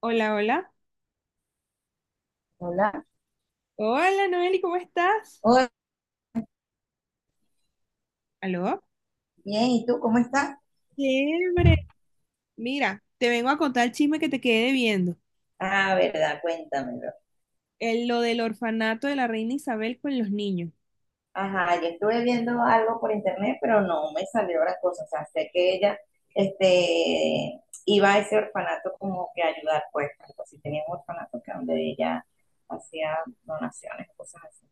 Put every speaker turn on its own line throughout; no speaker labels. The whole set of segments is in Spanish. Hola, hola.
Hola.
Hola, Noeli, ¿cómo estás?
Hola,
¿Aló?
bien, ¿y tú cómo estás?
Chévere. Mira, te vengo a contar el chisme que te quedé viendo,
Ah, verdad, cuéntamelo.
lo del orfanato de la reina Isabel con los niños.
Ajá, yo estuve viendo algo por internet, pero no me salió la cosa. O sea, sé que ella, iba a ese orfanato como que a ayudar, pues, algo así. Tenía un orfanato que donde ella hacía donaciones, cosas así.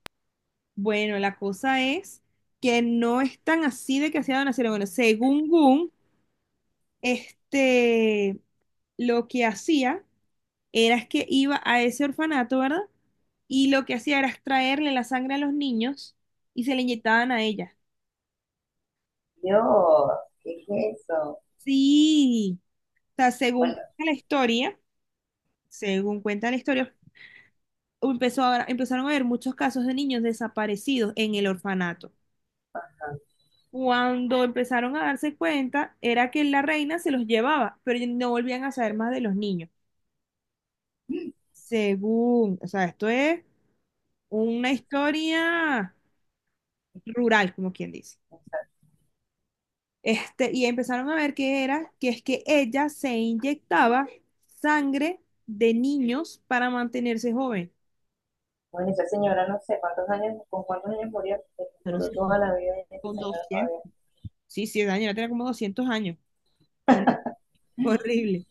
Bueno, la cosa es que no es tan así de que hacía donación. Bueno, según Gun, este, lo que hacía era es que iba a ese orfanato, ¿verdad? Y lo que hacía era extraerle la sangre a los niños y se le inyectaban a ella.
Yo, ¿qué es eso?
Sí, o sea,
Bueno,
según la historia, según cuenta la historia, empezaron a haber muchos casos de niños desaparecidos en el orfanato. Cuando empezaron a darse cuenta, era que la reina se los llevaba, pero no volvían a saber más de los niños.
mm,
Según, o sea, esto es una historia rural, como quien dice.
o sea,
Este, y empezaron a ver que era, que es que ella se inyectaba sangre de niños para mantenerse joven.
bueno, esa señora no sé cuántos años, con cuántos años murió,
Pero
duró
sí,
toda
como
la vida esa
con
señora
200, sí, sí, Daniela tenía como 200 años.
todavía.
Horrible.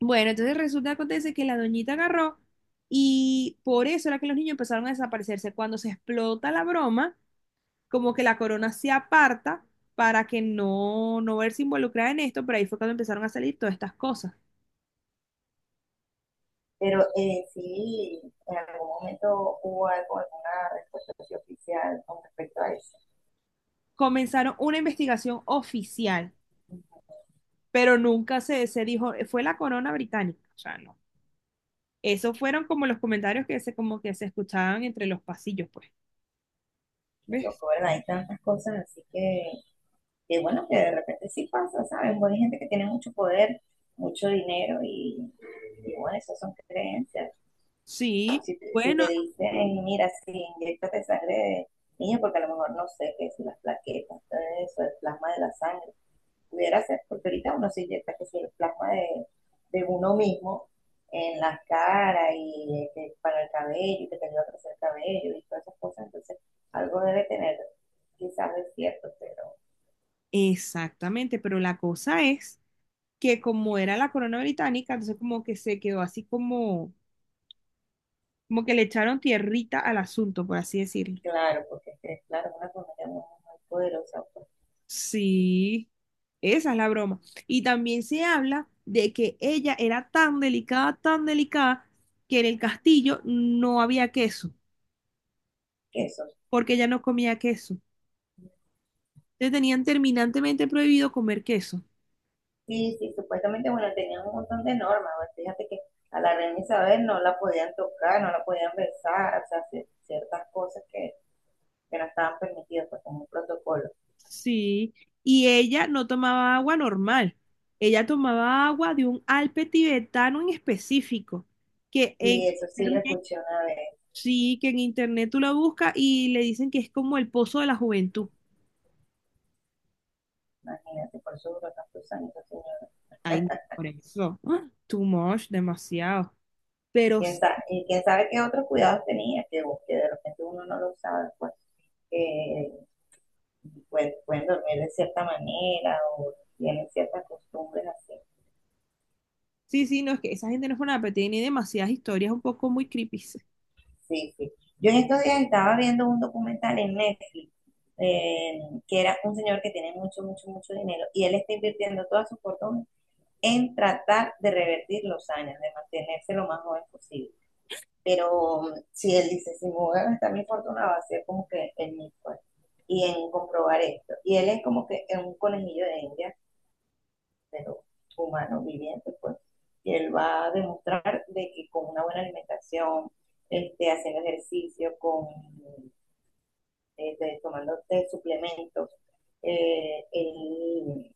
Bueno, entonces resulta, acontece que la doñita agarró y por eso era que los niños empezaron a desaparecerse. Cuando se explota la broma, como que la corona se aparta para que no verse involucrada en esto, pero ahí fue cuando empezaron a salir todas estas cosas.
Pero sí, en algún momento hubo algo, alguna respuesta oficial con respecto a eso.
Comenzaron una investigación oficial, pero nunca se dijo, fue la corona británica, o sea, no. Esos fueron como los comentarios como que se escuchaban entre los pasillos, pues.
Qué
¿Ves?
loco, ¿verdad? Hay tantas cosas, así que bueno, que de repente sí pasa, ¿sabes? Bueno, hay gente que tiene mucho poder, mucho dinero y bueno, eso son creencias.
Sí,
Si
bueno,
te dicen, mira, si inyectate sangre de niño, porque a lo mejor no sé qué es las plaquetas, todo eso, el plasma de la sangre, pudiera ser, porque ahorita uno se inyecta que si el plasma de uno mismo en la cara y que para el cabello y que te ayuda a crecer el cabello y todas esas cosas, entonces algo debe tener, quizás es cierto, pero
exactamente, pero la cosa es que como era la corona británica, entonces como que se quedó así como, como que le echaron tierrita al asunto, por así decirlo.
claro, porque es que, claro, es una familia muy, muy poderosa, pues,
Sí, esa es la broma. Y también se habla de que ella era tan delicada, que en el castillo no había queso,
que eso.
porque ella no comía queso. Le tenían terminantemente prohibido comer queso.
Sí, sí, supuestamente, bueno, tenían un montón de normas, pues, fíjate que a la reina Isabel no la podían tocar, no la podían besar, o sea, ciertas cosas que no estaban permitidas, pues como un protocolo.
Sí, y ella no tomaba agua normal. Ella tomaba agua de un alpe tibetano en específico, que en
Sí, eso sí lo
internet.
escuché una vez,
Sí, que en internet tú la buscas y le dicen que es como el pozo de la juventud.
imagínate, por eso duró tantos años esa señora.
Por eso. ¡Ah! Too much, demasiado. Pero
¿Y quién sabe qué otros cuidados tenía, que de repente uno no lo sabe, pues, que pues, pueden dormir de cierta manera o tienen ciertas costumbres así.
sí, sí, no, es que esa gente no es una, pero tiene demasiadas historias un poco muy creepy.
Sí, sí. Yo en estos días estaba viendo un documental en Netflix, eh, que era un señor que tiene mucho, mucho, mucho dinero y él está invirtiendo toda su fortuna en tratar de revertir los años, de mantenerse lo más joven posible. Pero si él dice, si me voy a gastar mi fortuna, va a ser como que en mí, pues, y en comprobar esto. Y él es como que es un conejillo de India, pero humano, viviente, pues. Y él va a demostrar de que con una buena alimentación, haciendo ejercicio, con, tomando suplementos, él,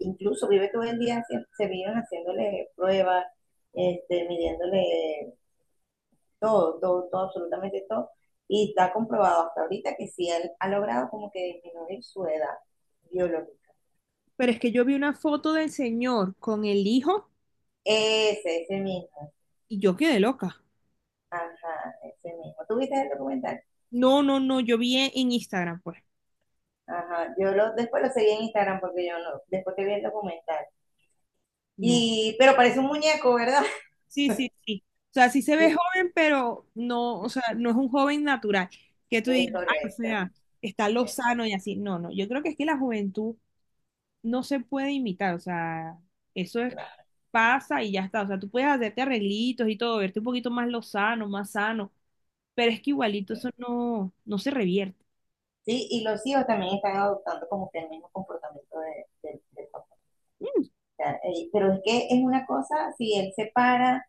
incluso vive todo el día, se viven haciéndole pruebas, midiéndole todo, todo, todo, absolutamente todo. Y está comprobado hasta ahorita que sí él ha logrado como que disminuir su edad biológica.
Pero es que yo vi una foto del señor con el hijo
Ese mismo.
y yo quedé loca.
Ajá, ese mismo. ¿Tú viste el documental?
No, no, no, yo vi en Instagram, pues.
Ajá. Yo lo, después lo seguí en Instagram porque yo no, después que vi el documental.
No.
Y, pero parece un muñeco, ¿verdad?
Sí, sí, sí. O sea, sí se ve joven, pero no, o sea, no es un joven natural. Que tú
Es
digas, ah, o
correcto.
sea, está
Exacto,
lozano y así. No, no, yo creo que es que la juventud no se puede imitar, o sea, eso es, pasa y ya está, o sea, tú puedes hacerte arreglitos y todo, verte un poquito más lozano, más sano, pero es que igualito eso
sí,
no, no se revierte.
sí, y los hijos también están adoptando como que el mismo comportamiento del papá. O
Mm.
sea, pero es que es una cosa, si él se para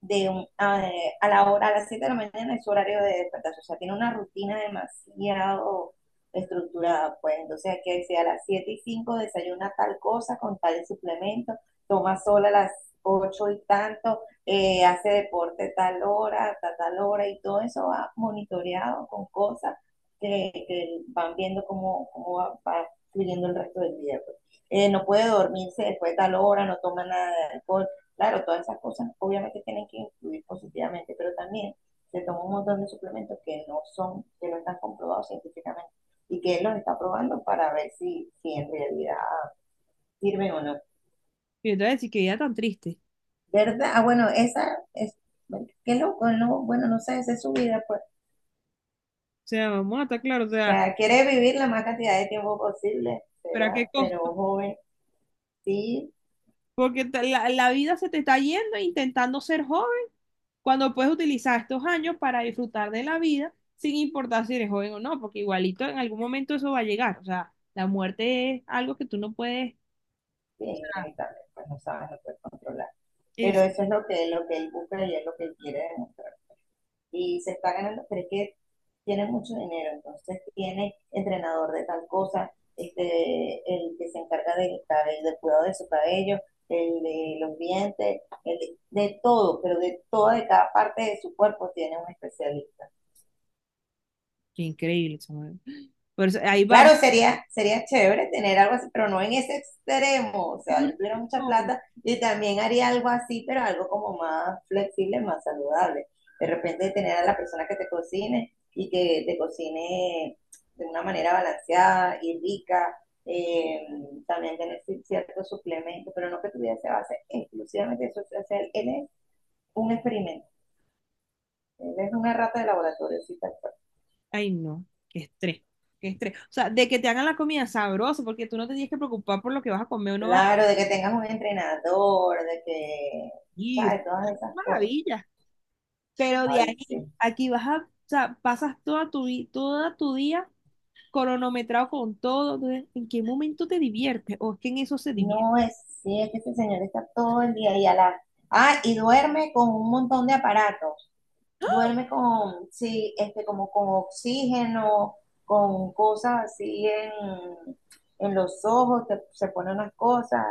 de un- a, a la hora, a las 7 de la mañana es su horario de despertar, o sea, tiene una rutina demasiado estructurada, pues entonces hay que decir a las 7:05 desayuna tal cosa con tal suplemento, toma sol a las 8 y tanto, hace deporte tal hora, hasta tal hora y todo eso va monitoreado con cosas que van viendo cómo va fluyendo el resto del día, pues. No puede dormirse después de tal hora, no toma nada de alcohol. Claro, todas esas cosas obviamente tienen que influir positivamente, pero también se toma un montón de suplementos que no son, que no están comprobados científicamente y que él los está probando para ver si en realidad sirven o no.
Y entonces, sí, que vida tan triste.
¿Verdad? Ah, bueno, esa es, bueno, qué loco, no, bueno, no sé, esa es su vida, pues.
O sea, vamos a estar claros, o
O
sea,
sea, quiere vivir la más cantidad de tiempo posible,
pero ¿a qué
¿verdad? Pero
costo?
joven, sí,
Porque te- la vida se te está yendo intentando ser joven, cuando puedes utilizar estos años para disfrutar de la vida, sin importar si eres joven o no, porque igualito en algún momento eso va a llegar, o sea, la muerte es algo que tú no puedes...
sí inevitable, pues no sabes, no puedes controlar. Pero eso es lo que él busca y es lo que él quiere demostrar. Y se está ganando, pero es que tiene mucho dinero, entonces tiene entrenador de tal cosa, el que se encarga del cabello, del cuidado de su cabello, el de los dientes, el de todo, pero de toda, de cada parte de su cuerpo tiene un especialista.
Qué increíble, Samuel. Por eso, ahí vamos.
Claro, sería, sería chévere tener algo así, pero no en ese extremo. O sea, yo tuviera mucha plata y también haría algo así, pero algo como más flexible, más saludable. De repente tener a la persona que te cocine y que te cocine de una manera balanceada y rica. eh, también tener ciertos suplementos, pero no que tu vida se base exclusivamente en eso. O sea, él es un experimento. Él es una rata de laboratorio, sí, tal.
Ay, no, qué estrés, qué estrés. O sea, de que te hagan la comida sabrosa, porque tú no te tienes que preocupar por lo que vas a comer o no vas a
Claro, de que tengas un entrenador, de que,
ir.
¿sabes? Todas esas cosas.
Maravilla. Pero de
Ay,
ahí,
sí.
aquí vas a, o sea, pasas toda tu, toda tu día cronometrado con todo. Entonces, ¿en qué momento te diviertes? ¿O es que en eso se divierte?
No es, sí, es que ese señor está todo el día y a la... Ah, y duerme con un montón de aparatos. Duerme con, sí, como con oxígeno, con cosas así en los ojos, se pone unas cosas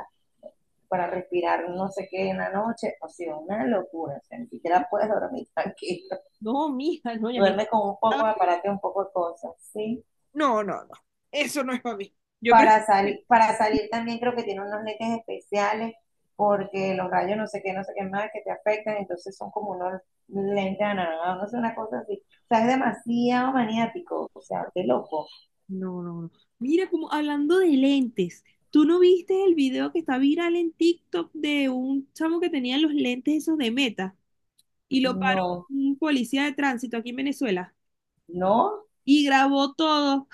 para respirar no sé qué en la noche. O sea, una locura, o sea, ni siquiera puedes dormir tranquilo.
No, mija, no, ya mí.
Duerme con un poco de aparato y un poco de cosas, sí.
No, no, no. Eso no es para mí. Yo prefiero.
Para salir también creo que tiene unos lentes especiales porque los rayos no sé qué, no sé qué más que te afectan, entonces son como unos lentes anaranjados, no sé, una cosa así. O sea, es demasiado maniático, o sea, qué loco.
No, no, no. Mira, como hablando de lentes, ¿tú no viste el video que está viral en TikTok de un chamo que tenía los lentes esos de Meta y lo paró
No,
un policía de tránsito aquí en Venezuela
no.
y grabó todo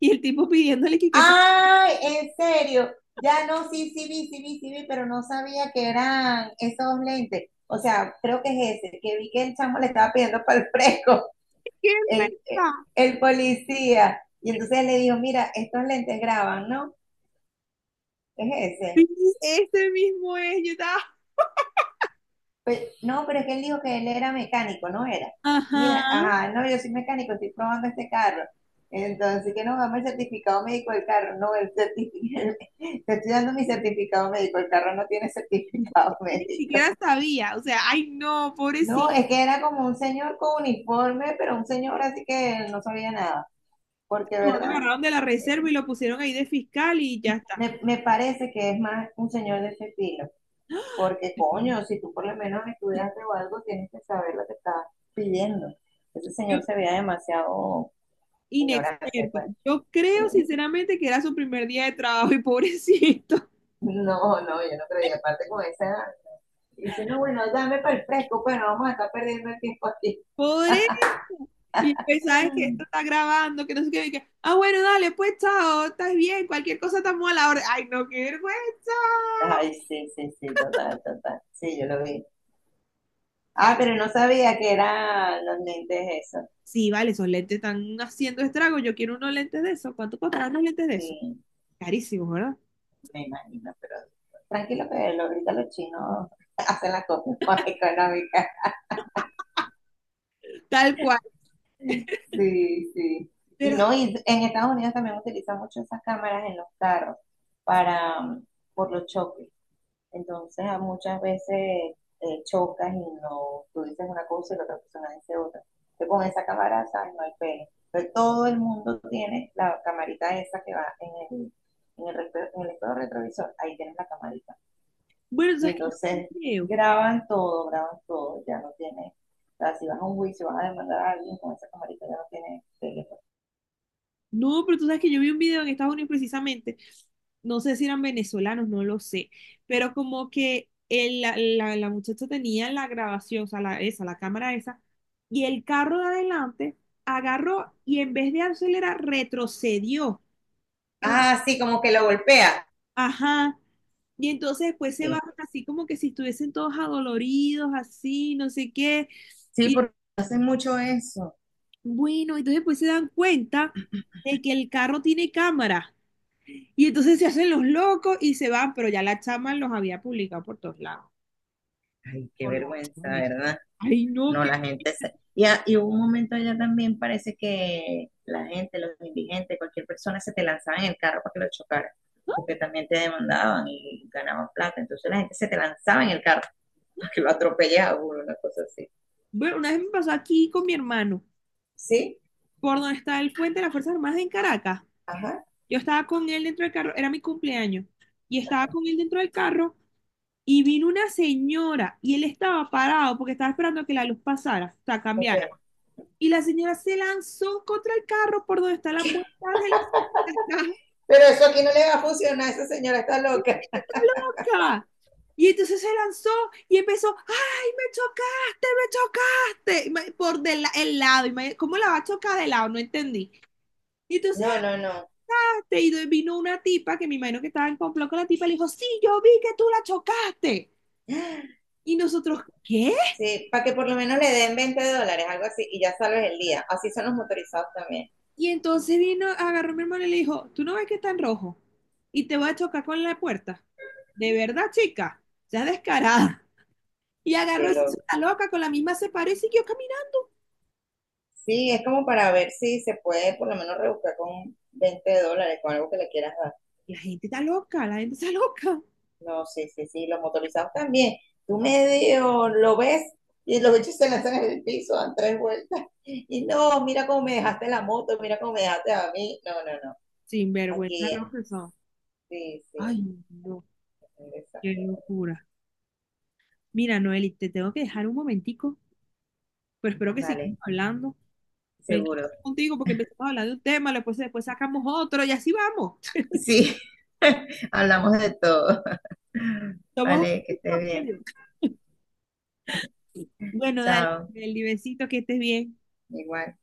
y el tipo pidiéndole que qué pa-.
¡Ay, en serio! Ya no, sí, sí vi, sí vi, sí vi, pero no sabía que eran esos lentes. O sea, creo que es ese, que vi que el chamo le estaba pidiendo para el fresco,
¿Qué es
el,
verdad?
el policía. Y entonces le dijo, mira, estos lentes graban, ¿no? Es
Sí,
ese.
ese mismo es, yo estaba,
Pues, no, pero es que él dijo que él era mecánico, no era.
ajá.
Mira, ajá, no, yo soy mecánico, estoy probando este carro. Entonces, que no, dame el certificado médico del carro. No, el certificado, te estoy dando mi certificado médico, el carro no tiene certificado
Ni
médico.
siquiera sabía, o sea, ay, no,
No,
pobrecito,
es que era como un señor con uniforme, pero un señor así que no sabía nada. Porque,
lo
¿verdad?
agarraron de la
Eh,
reserva y lo pusieron ahí de fiscal y ya está.
me parece que es más un señor de ese estilo. Porque, coño, si tú por lo menos estudiaste o algo, tienes que saber lo que estás pidiendo. Ese señor se veía demasiado ignorante,
Inexperto.
pues.
Yo creo
Sí.
sinceramente que era su primer día de trabajo y pobrecito.
No, no, yo no creo. Y aparte con esa edad, dice, no, bueno, dame para el fresco, pues no vamos a estar perdiendo el tiempo aquí.
Pobre. Y pues, sabes que esto está grabando, que no sé qué. Y que, ah, bueno, dale, pues chao, estás bien, cualquier cosa estamos a la hora. Ay, no, qué vergüenza.
Ay, sí, sí, sí, total, total. Sí, yo lo vi. Ah, pero no sabía que eran los lentes esos.
Sí, vale, esos lentes están haciendo estragos. Yo quiero unos lentes de esos. ¿Cuánto costarán unos lentes de esos?
Sí,
Carísimos, ¿verdad?
me imagino, pero tranquilo que ahorita los chinos hacen las cosas más económicas.
Tal cual.
Sí, sí.
Pero,
Y no, y en Estados Unidos también utilizan mucho esas cámaras en los carros para, por los choques. Entonces, a muchas veces chocas y no, tú dices una cosa y la otra persona dice otra. Entonces, con esa cámara, ¿sabes? No hay pena. Pero todo el mundo tiene la camarita esa que va el, en el espejo retrovisor. Ahí tienes la camarita.
bueno,
Y
sabes que no
entonces
creo.
graban todo, ya no tiene. O sea, si vas a un juicio, vas a demandar a alguien con esa camarita, ya no tiene teléfono.
No, pero tú sabes que yo vi un video en Estados Unidos precisamente, no sé si eran venezolanos, no lo sé, pero como que la muchacha tenía la grabación, o sea, la, esa, la cámara esa, y el carro de adelante agarró y en vez de acelerar, retrocedió. Como-,
Ah, sí, como que lo golpea.
ajá. Y entonces después se
Sí.
bajan así como que si estuviesen todos adoloridos, así, no sé qué.
Sí,
Y
porque hacen mucho eso.
bueno, entonces después se dan cuenta de que el carro tiene cámara. Y entonces se hacen los locos y se van, pero ya la chama los había publicado por todos lados,
Ay, qué
por las
vergüenza,
razones.
¿verdad?
Ay, no,
No,
que...
la gente se... Y hubo un momento allá también parece que la gente, los indigentes, cualquier persona se te lanzaba en el carro para que lo chocara, porque también te demandaban y ganaban plata. Entonces la gente se te lanzaba en el carro para que lo atropellara una cosa así.
Bueno, una vez me pasó aquí con mi hermano,
Sí,
por donde está el puente de las Fuerzas Armadas en Caracas.
ajá.
Yo estaba con él dentro del carro, era mi cumpleaños, y estaba con él dentro del carro y vino una señora y él estaba parado porque estaba esperando que la luz pasara, o sea,
Ok.
cambiara. Y la señora se lanzó contra el carro por donde está la puerta de la
Pero eso aquí no le va a funcionar, esa señora está loca.
está loca. Y entonces se lanzó y empezó, ay, me chocaste, el lado. ¿Cómo la va a chocar de lado? No entendí. Y entonces
No, no, no.
hasta ahí vino una tipa que me imagino que estaba en complot con la tipa y le dijo, sí, yo vi que tú la chocaste. Y nosotros, ¿qué?
Sí, para que por lo menos le den $20, algo así, y ya salves el día. Así son los motorizados también.
Y entonces vino, agarró a mi hermano y le dijo, ¿tú no ves que está en rojo? Y te voy a chocar con la puerta. De verdad, chica, ya descarada. Y agarró
Que lo...
esa loca, con la misma se paró y siguió caminando.
Sí, es como para ver si se puede por lo menos rebuscar con $20, con algo que le quieras dar.
La gente está loca, la gente está loca.
No, sí, sí, sí, los motorizados también. Tú medio lo ves y los bichos se lanzan en el piso, dan tres vueltas. Y no, mira cómo me dejaste la moto, mira cómo me dejaste a mí. No, no, no.
Sin vergüenza
Aquí,
lo que son.
sí, sí.
Ay, no, qué
Exacto.
locura. Mira, Noeli, te tengo que dejar un momentico, pero espero que
Vale,
sigamos hablando. Me encanta
seguro.
hablar contigo porque empezamos a hablar de un tema, después, después sacamos otro y así vamos.
Sí, hablamos de todo.
Somos un
Vale, que
grupo
esté bien.
serio. Bueno, dale,
Chao.
Noeli, besito, que estés bien.
Igual.